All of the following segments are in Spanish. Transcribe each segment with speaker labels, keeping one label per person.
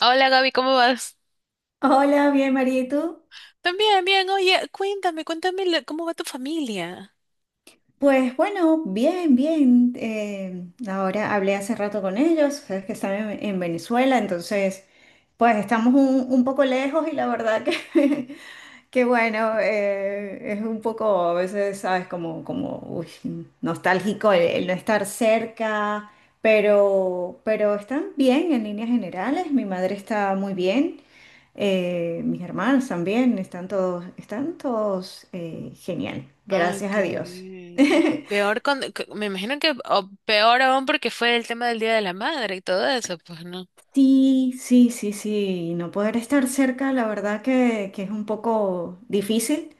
Speaker 1: Hola Gaby, ¿cómo vas?
Speaker 2: Hola, bien, María, ¿y tú?
Speaker 1: También, bien. Oye, cuéntame cómo va tu familia.
Speaker 2: Pues bueno, bien, bien. Ahora hablé hace rato con ellos, sabes que están en Venezuela, entonces, pues estamos un poco lejos y la verdad que, que bueno, es un poco, a veces, sabes, como, como uy, nostálgico el no estar cerca, pero están bien en líneas generales, mi madre está muy bien. Mis hermanos también están todos genial,
Speaker 1: Ay,
Speaker 2: gracias
Speaker 1: qué
Speaker 2: a Dios.
Speaker 1: bien. Y peor me imagino que o peor aún porque fue el tema del Día de la Madre y todo eso, pues no.
Speaker 2: Sí, sí, sí, sí, no poder estar cerca, la verdad que es un poco difícil.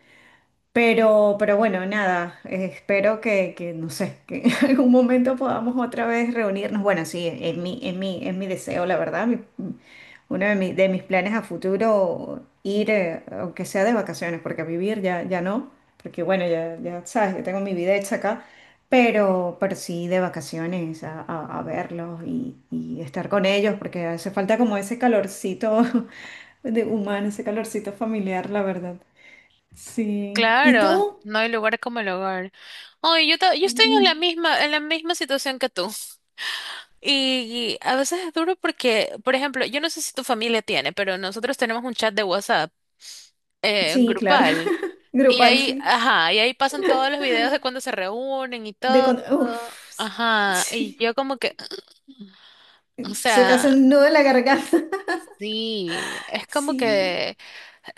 Speaker 2: Pero bueno, nada, espero que, no sé, que en algún momento podamos otra vez reunirnos. Bueno, sí, es mi deseo, la verdad. Uno de, de mis planes a futuro, ir, aunque sea de vacaciones, porque a vivir ya, ya no, porque bueno, ya, ya sabes, yo tengo mi vida hecha acá, pero sí de vacaciones a verlos y estar con ellos, porque hace falta como ese calorcito de humano, ese calorcito familiar, la verdad. Sí. ¿Y
Speaker 1: Claro,
Speaker 2: tú?
Speaker 1: no hay lugar como el hogar. Oye, yo estoy en la
Speaker 2: Mm.
Speaker 1: misma, en la misma situación que tú. Y a veces es duro porque, por ejemplo, yo no sé si tu familia tiene, pero nosotros tenemos un chat de WhatsApp
Speaker 2: Sí, claro.
Speaker 1: grupal. Y
Speaker 2: Grupal,
Speaker 1: ahí,
Speaker 2: sí.
Speaker 1: ajá, y ahí pasan todos los videos de cuando se reúnen y
Speaker 2: De
Speaker 1: todo.
Speaker 2: con- Uf,
Speaker 1: Ajá, y
Speaker 2: sí.
Speaker 1: yo como que, o
Speaker 2: Se te
Speaker 1: sea,
Speaker 2: hace un nudo en la garganta.
Speaker 1: sí, es como
Speaker 2: Sí.
Speaker 1: que,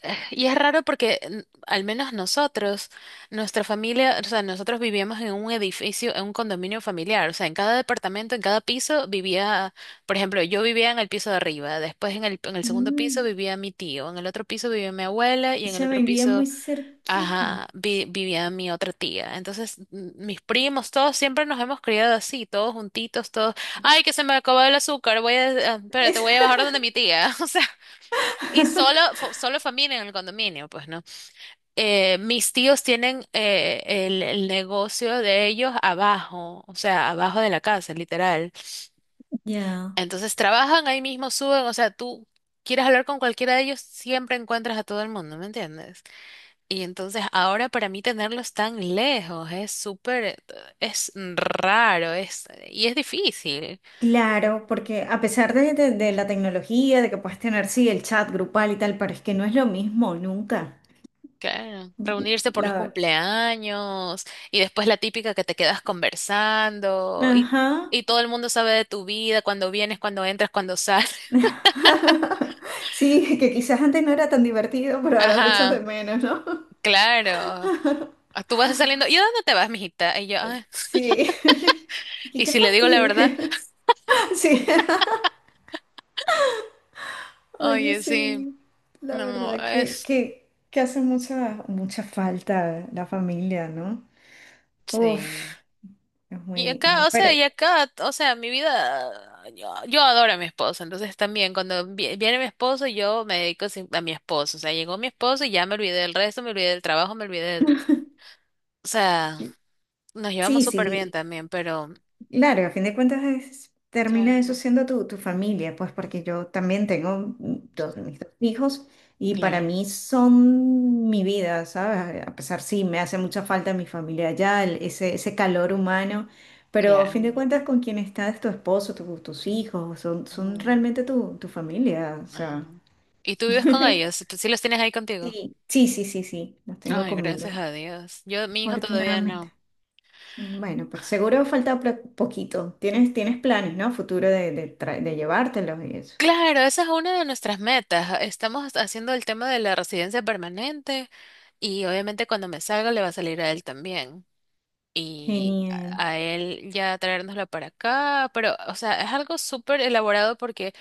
Speaker 1: eh, Es raro porque al menos nosotros, nuestra familia, o sea, nosotros vivíamos en un edificio, en un condominio familiar, o sea, en cada departamento, en cada piso vivía, por ejemplo, yo vivía en el piso de arriba, después en el segundo piso
Speaker 2: Mm.
Speaker 1: vivía mi tío, en el otro piso vivía mi abuela y en el
Speaker 2: Se me
Speaker 1: otro
Speaker 2: envía
Speaker 1: piso,
Speaker 2: muy cerquita.
Speaker 1: ajá, vivía mi otra tía. Entonces, mis primos, todos siempre nos hemos criado así, todos juntitos, todos. Ay, que se me acabó el azúcar, espérate,
Speaker 2: Es-
Speaker 1: voy a bajar donde mi tía. O sea, y solo, solo familia en el condominio, pues, ¿no? Mis tíos tienen el negocio de ellos abajo, o sea, abajo de la casa, literal.
Speaker 2: Ya.
Speaker 1: Entonces, trabajan ahí mismo, suben, o sea, tú quieres hablar con cualquiera de ellos, siempre encuentras a todo el mundo, ¿me entiendes? Y entonces ahora para mí tenerlos tan lejos es es raro, y es difícil,
Speaker 2: Claro, porque a pesar de, de la tecnología, de que puedes tener, sí, el chat grupal y tal, pero es que no es lo mismo nunca.
Speaker 1: claro. Reunirse por los
Speaker 2: La...
Speaker 1: cumpleaños y después la típica que te quedas conversando
Speaker 2: Ajá.
Speaker 1: y todo el mundo sabe de tu vida, cuando vienes, cuando entras, cuando sales.
Speaker 2: Sí, que quizás antes no era tan divertido, pero ahora lo echas de
Speaker 1: Ajá,
Speaker 2: menos, ¿no?
Speaker 1: claro. Ah, tú vas saliendo, ¿y a dónde te vas, mijita? Y yo, "Ay".
Speaker 2: Sí. Y
Speaker 1: Y
Speaker 2: qué
Speaker 1: si le digo la
Speaker 2: fastidio.
Speaker 1: verdad,
Speaker 2: Sí. Oye,
Speaker 1: oye, sí,
Speaker 2: sí. La
Speaker 1: no
Speaker 2: verdad
Speaker 1: es,
Speaker 2: que hace mucha, mucha falta la familia, ¿no? Uf,
Speaker 1: sí. Y
Speaker 2: es
Speaker 1: acá,
Speaker 2: muy...
Speaker 1: o
Speaker 2: Pero,
Speaker 1: sea, mi vida, yo adoro a mi esposo, entonces también cuando viene mi esposo, yo me dedico a mi esposo, o sea, llegó mi esposo y ya me olvidé del resto, me olvidé del trabajo, me olvidé, del- o sea, nos llevamos
Speaker 2: sí,
Speaker 1: súper bien
Speaker 2: sí.
Speaker 1: también, pero...
Speaker 2: Claro, a fin de cuentas es- termina eso
Speaker 1: Claro,
Speaker 2: siendo tu familia, pues porque yo también tengo dos, mis dos hijos y para
Speaker 1: claro,
Speaker 2: mí son mi vida, ¿sabes? A pesar, sí, me hace mucha falta mi familia allá, el- ese calor humano, pero a fin de
Speaker 1: claro.
Speaker 2: cuentas con quien estás, tu esposo, tu- tus hijos, son, son
Speaker 1: Ujú,
Speaker 2: realmente tu familia, o
Speaker 1: ajá.
Speaker 2: sea.
Speaker 1: ¿Y tú vives con ellos? ¿Tú ¿Sí los tienes ahí contigo?
Speaker 2: Sí, sí, sí, sí, sí, los tengo
Speaker 1: Ay,
Speaker 2: conmigo,
Speaker 1: gracias a Dios. Yo, mi hijo todavía
Speaker 2: afortunadamente.
Speaker 1: no.
Speaker 2: Bueno, pero seguro falta pro- poquito. Tienes, tienes planes, ¿no? Futuro tra- de llevártelos y eso.
Speaker 1: Claro, esa es una de nuestras metas. Estamos haciendo el tema de la residencia permanente y obviamente cuando me salga le va a salir a él también. Y a
Speaker 2: Genial.
Speaker 1: a él ya traérnoslo para acá, pero o sea, es algo súper elaborado porque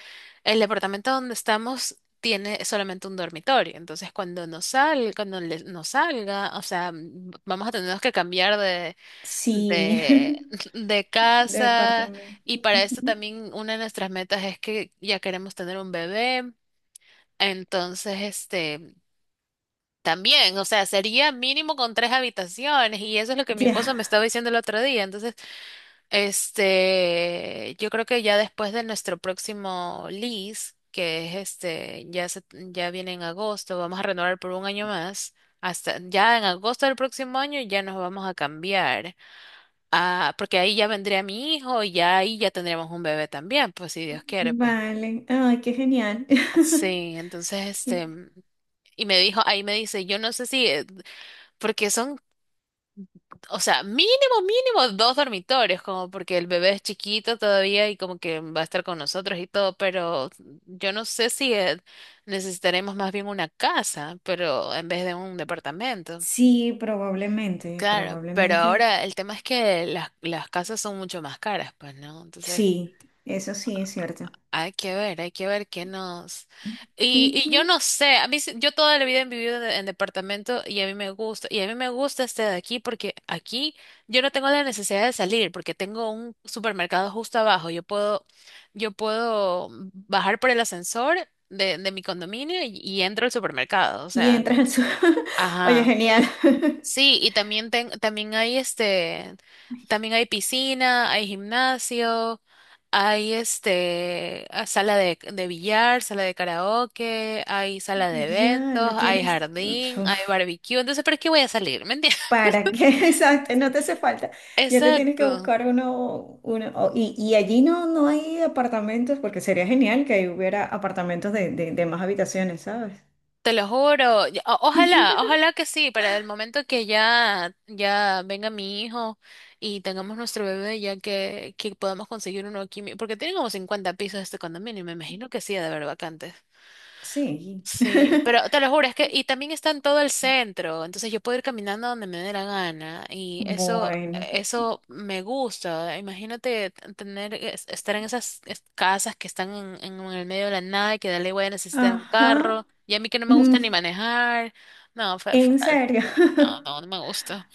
Speaker 1: el departamento donde estamos tiene solamente un dormitorio. Entonces, cuando nos salga, o sea, vamos a tener que cambiar
Speaker 2: Sí,
Speaker 1: de, de casa
Speaker 2: departamento.
Speaker 1: y para esto
Speaker 2: Ujú.
Speaker 1: también una de nuestras metas es que ya queremos tener un bebé, entonces este también, o sea, sería mínimo con 3 habitaciones y eso es lo que mi
Speaker 2: Ya,
Speaker 1: esposo me estaba diciendo el otro día, entonces este yo creo que ya después de nuestro próximo lease, que es este ya viene en agosto, vamos a renovar por un año más. Hasta ya en agosto del próximo año ya nos vamos a cambiar. Ah, porque ahí ya vendría mi hijo y ya ahí ya tendríamos un bebé también, pues si Dios quiere, pues.
Speaker 2: vale. Ay, qué genial.
Speaker 1: Sí, entonces este,
Speaker 2: Qué-
Speaker 1: y me dijo, ahí me dice, yo no sé si, porque son, o sea, mínimo 2 dormitorios, como porque el bebé es chiquito todavía y como que va a estar con nosotros y todo, pero yo no sé si necesitaremos más bien una casa, pero en vez de un departamento.
Speaker 2: Sí, probablemente,
Speaker 1: Claro, pero
Speaker 2: probablemente.
Speaker 1: ahora el tema es que las casas son mucho más caras, pues, ¿no? Entonces
Speaker 2: Sí, eso sí es cierto.
Speaker 1: hay que ver, hay que ver qué nos... Y yo
Speaker 2: Ujú.
Speaker 1: no sé, yo toda la vida he vivido en departamento y a mí me gusta, y a mí me gusta este de aquí porque aquí yo no tengo la necesidad de salir porque tengo un supermercado justo abajo, yo puedo bajar por el ascensor de mi condominio y entro al supermercado, o
Speaker 2: Y
Speaker 1: sea,
Speaker 2: entras al su- Oye,
Speaker 1: ajá.
Speaker 2: genial.
Speaker 1: Sí, y también también hay este, también hay piscina, hay gimnasio, hay este sala de billar, sala de karaoke, hay sala de
Speaker 2: Ya,
Speaker 1: eventos,
Speaker 2: lo
Speaker 1: hay
Speaker 2: tienes.
Speaker 1: jardín, hay
Speaker 2: Uf.
Speaker 1: barbecue. Entonces, ¿para qué voy a salir? ¿Me entiendes?
Speaker 2: ¿Para que Exacto, no te hace falta. Ya te tienes que
Speaker 1: Exacto.
Speaker 2: buscar uno, uno o- y allí no, no hay apartamentos, porque sería genial que ahí hubiera apartamentos de más habitaciones, ¿sabes?
Speaker 1: Te lo juro. Ya- o- Ojalá, ojalá que sí, para el momento que ya, ya venga mi hijo y tengamos nuestro bebé, ya que podamos conseguir uno aquí, mi- porque tiene como 50 pisos este condominio, y me imagino que sí, ha de haber vacantes.
Speaker 2: Sí.
Speaker 1: Sí, pero te lo juro, es que, y también está en todo el centro, entonces yo puedo ir caminando donde me dé la gana, y eso,
Speaker 2: Bueno.
Speaker 1: eso me gusta. Imagínate tener, estar en esas casas que están en el medio de la nada y que dale voy a necesitar un
Speaker 2: Ajá.
Speaker 1: carro, y a mí que no me
Speaker 2: Mm,
Speaker 1: gusta ni manejar, no, fue
Speaker 2: ¿en
Speaker 1: fatal.
Speaker 2: serio?
Speaker 1: No, no, no me gusta.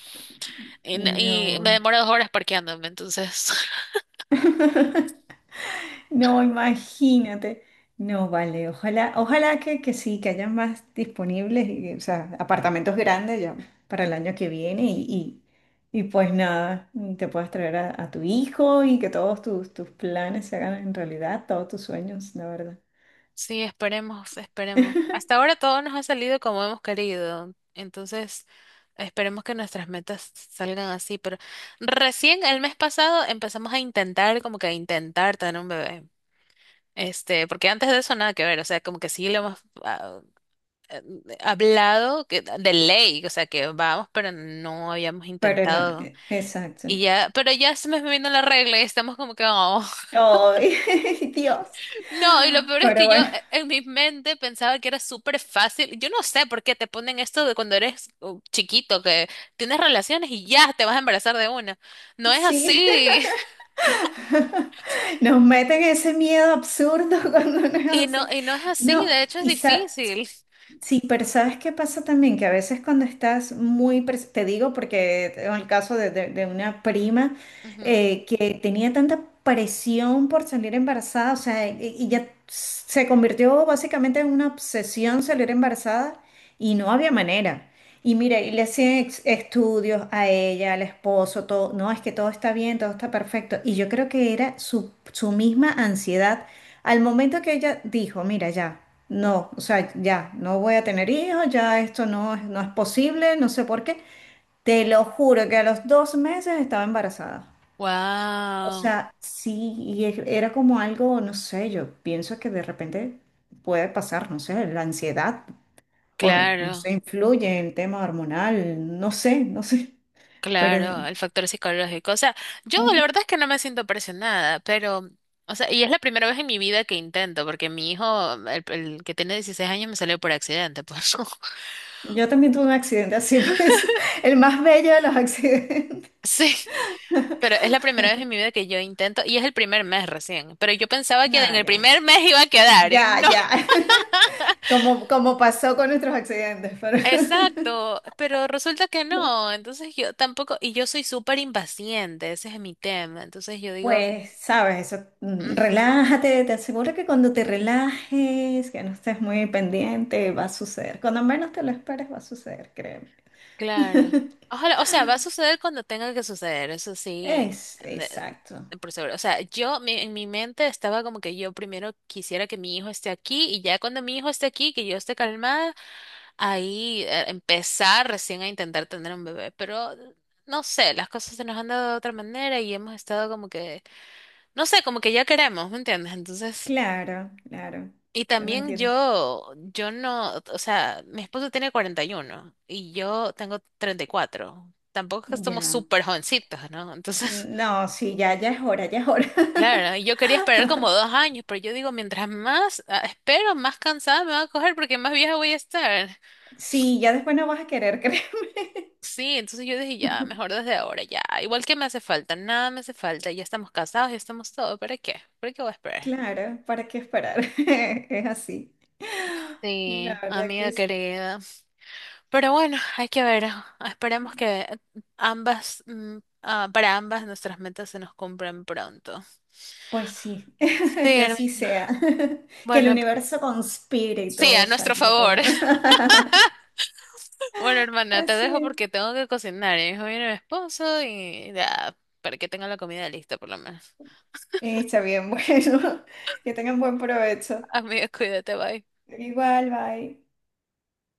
Speaker 1: Y, n- y me
Speaker 2: No.
Speaker 1: demoro 2 horas parqueándome, entonces.
Speaker 2: No, imagínate. No, vale, ojalá, ojalá que sí, que hayan más disponibles, y, o sea, apartamentos grandes ya para el año que viene y pues nada, te puedas traer a tu hijo y que todos tus, tus planes se hagan en realidad, todos tus sueños, la verdad.
Speaker 1: Sí, esperemos, esperemos. Hasta ahora todo nos ha salido como hemos querido. Entonces. Esperemos que nuestras metas salgan así, pero recién el mes pasado empezamos a intentar, como que a intentar tener un bebé. Este, porque antes de eso nada que ver, o sea, como que sí lo hemos eh, hablado que, de ley, o sea, que vamos, pero no habíamos
Speaker 2: Pero no,
Speaker 1: intentado.
Speaker 2: e-
Speaker 1: Y
Speaker 2: exacto.
Speaker 1: ya, pero ya se me vino la regla y estamos como que, "Oh".
Speaker 2: ¡Ay, Dios!
Speaker 1: No, y lo peor es
Speaker 2: Pero
Speaker 1: que yo
Speaker 2: bueno,
Speaker 1: en mi mente pensaba que era súper fácil. Yo no sé por qué te ponen esto de cuando eres chiquito, que tienes relaciones y ya te vas a embarazar de una. No es
Speaker 2: sí,
Speaker 1: así.
Speaker 2: nos meten ese miedo absurdo cuando no es así.
Speaker 1: Y no es así,
Speaker 2: No,
Speaker 1: de hecho es
Speaker 2: y, sa-
Speaker 1: difícil.
Speaker 2: sí, pero ¿sabes qué pasa también? Que a veces cuando estás muy, pres- te digo porque tengo el caso de, de una prima
Speaker 1: Ujú.
Speaker 2: que tenía tanta presión por salir embarazada, o sea, y ya se convirtió básicamente en una obsesión salir embarazada y no había manera. Y mira, y le hacían ex- estudios a ella, al esposo, todo, no, es que todo está bien, todo está perfecto. Y yo creo que era su, su misma ansiedad al momento que ella dijo, mira, ya, no, o sea, ya, no voy a tener hijos, ya esto no, es- no es posible, no sé por qué, te lo juro que a los dos meses estaba embarazada. O
Speaker 1: Wow,
Speaker 2: sea, sí, y e- era como algo, no sé, yo pienso que de repente puede pasar, no sé, la ansiedad, o no
Speaker 1: claro,
Speaker 2: sé, influye el tema hormonal, no sé, no sé, pero
Speaker 1: claro, el factor psicológico. O sea, yo la verdad es que no me siento presionada, pero, o sea, y es la primera vez en mi vida que intento, porque mi hijo, el que tiene 16 años, me salió por accidente, pues.
Speaker 2: yo también tuve un accidente así, parecido, el más bello de los accidentes.
Speaker 1: Sí. Pero es la primera vez en mi vida que yo intento, y es el primer mes recién, pero yo pensaba
Speaker 2: No,
Speaker 1: que en el
Speaker 2: ya,
Speaker 1: primer mes iba a quedar, y
Speaker 2: ya,
Speaker 1: no.
Speaker 2: ya. Como, como pasó con nuestros accidentes, pero
Speaker 1: Exacto, pero resulta que no, entonces yo tampoco, y yo soy súper impaciente, ese es mi tema, entonces yo digo,
Speaker 2: pues, sabes, eso, mm,
Speaker 1: "Ujú".
Speaker 2: relájate, te aseguro que cuando te relajes, que no estés muy pendiente, va a suceder. Cuando menos te lo esperes, va a suceder, créeme.
Speaker 1: Claro. Ojalá, o sea, va a suceder cuando tenga que suceder, eso sí,
Speaker 2: Es,
Speaker 1: de-
Speaker 2: exacto.
Speaker 1: de por seguro. O sea, yo mi- en mi mente estaba como que yo primero quisiera que mi hijo esté aquí y ya cuando mi hijo esté aquí, que yo esté calmada, ahí empezar recién a intentar tener un bebé. Pero no sé, las cosas se nos han dado de otra manera y hemos estado como que, no sé, como que ya queremos, ¿me entiendes? Entonces...
Speaker 2: Claro, claro.
Speaker 1: Y
Speaker 2: Yo lo
Speaker 1: también
Speaker 2: entiendo.
Speaker 1: yo no, o sea, mi esposo tiene 41 y yo tengo 34. Tampoco es que somos
Speaker 2: Ya.
Speaker 1: súper jovencitos, ¿no? Entonces,
Speaker 2: No, sí, ya, ya es hora, ya es hora.
Speaker 1: claro, ¿no? Y yo quería esperar como dos años, pero yo digo, mientras más espero, más cansada me va a coger porque más vieja voy a estar.
Speaker 2: Sí, ya después no vas a querer, créeme.
Speaker 1: Sí, entonces yo dije, ya, mejor desde ahora, ya. Igual que me hace falta, nada me hace falta, ya estamos casados, ya estamos todo, ¿para qué? ¿Para qué voy a esperar?
Speaker 2: Claro, ¿para qué esperar? Es así. La
Speaker 1: Sí,
Speaker 2: verdad que
Speaker 1: amiga
Speaker 2: sí.
Speaker 1: querida. Pero bueno, hay que ver. Esperemos que ambas, mm, para ambas nuestras metas se nos cumplan pronto.
Speaker 2: Pues sí,
Speaker 1: Sí,
Speaker 2: que
Speaker 1: hermana.
Speaker 2: así sea. Que el
Speaker 1: Bueno,
Speaker 2: universo conspire y
Speaker 1: sí,
Speaker 2: todo
Speaker 1: a nuestro
Speaker 2: salga
Speaker 1: favor.
Speaker 2: como.
Speaker 1: Bueno, hermana, te dejo
Speaker 2: Así
Speaker 1: porque tengo que cocinar. Y mi hijo Viene mi esposo y ya, para que tenga la comida lista por lo menos.
Speaker 2: es. Está bien, bueno. Que tengan buen provecho.
Speaker 1: Amiga, cuídate, bye.
Speaker 2: Igual, bye.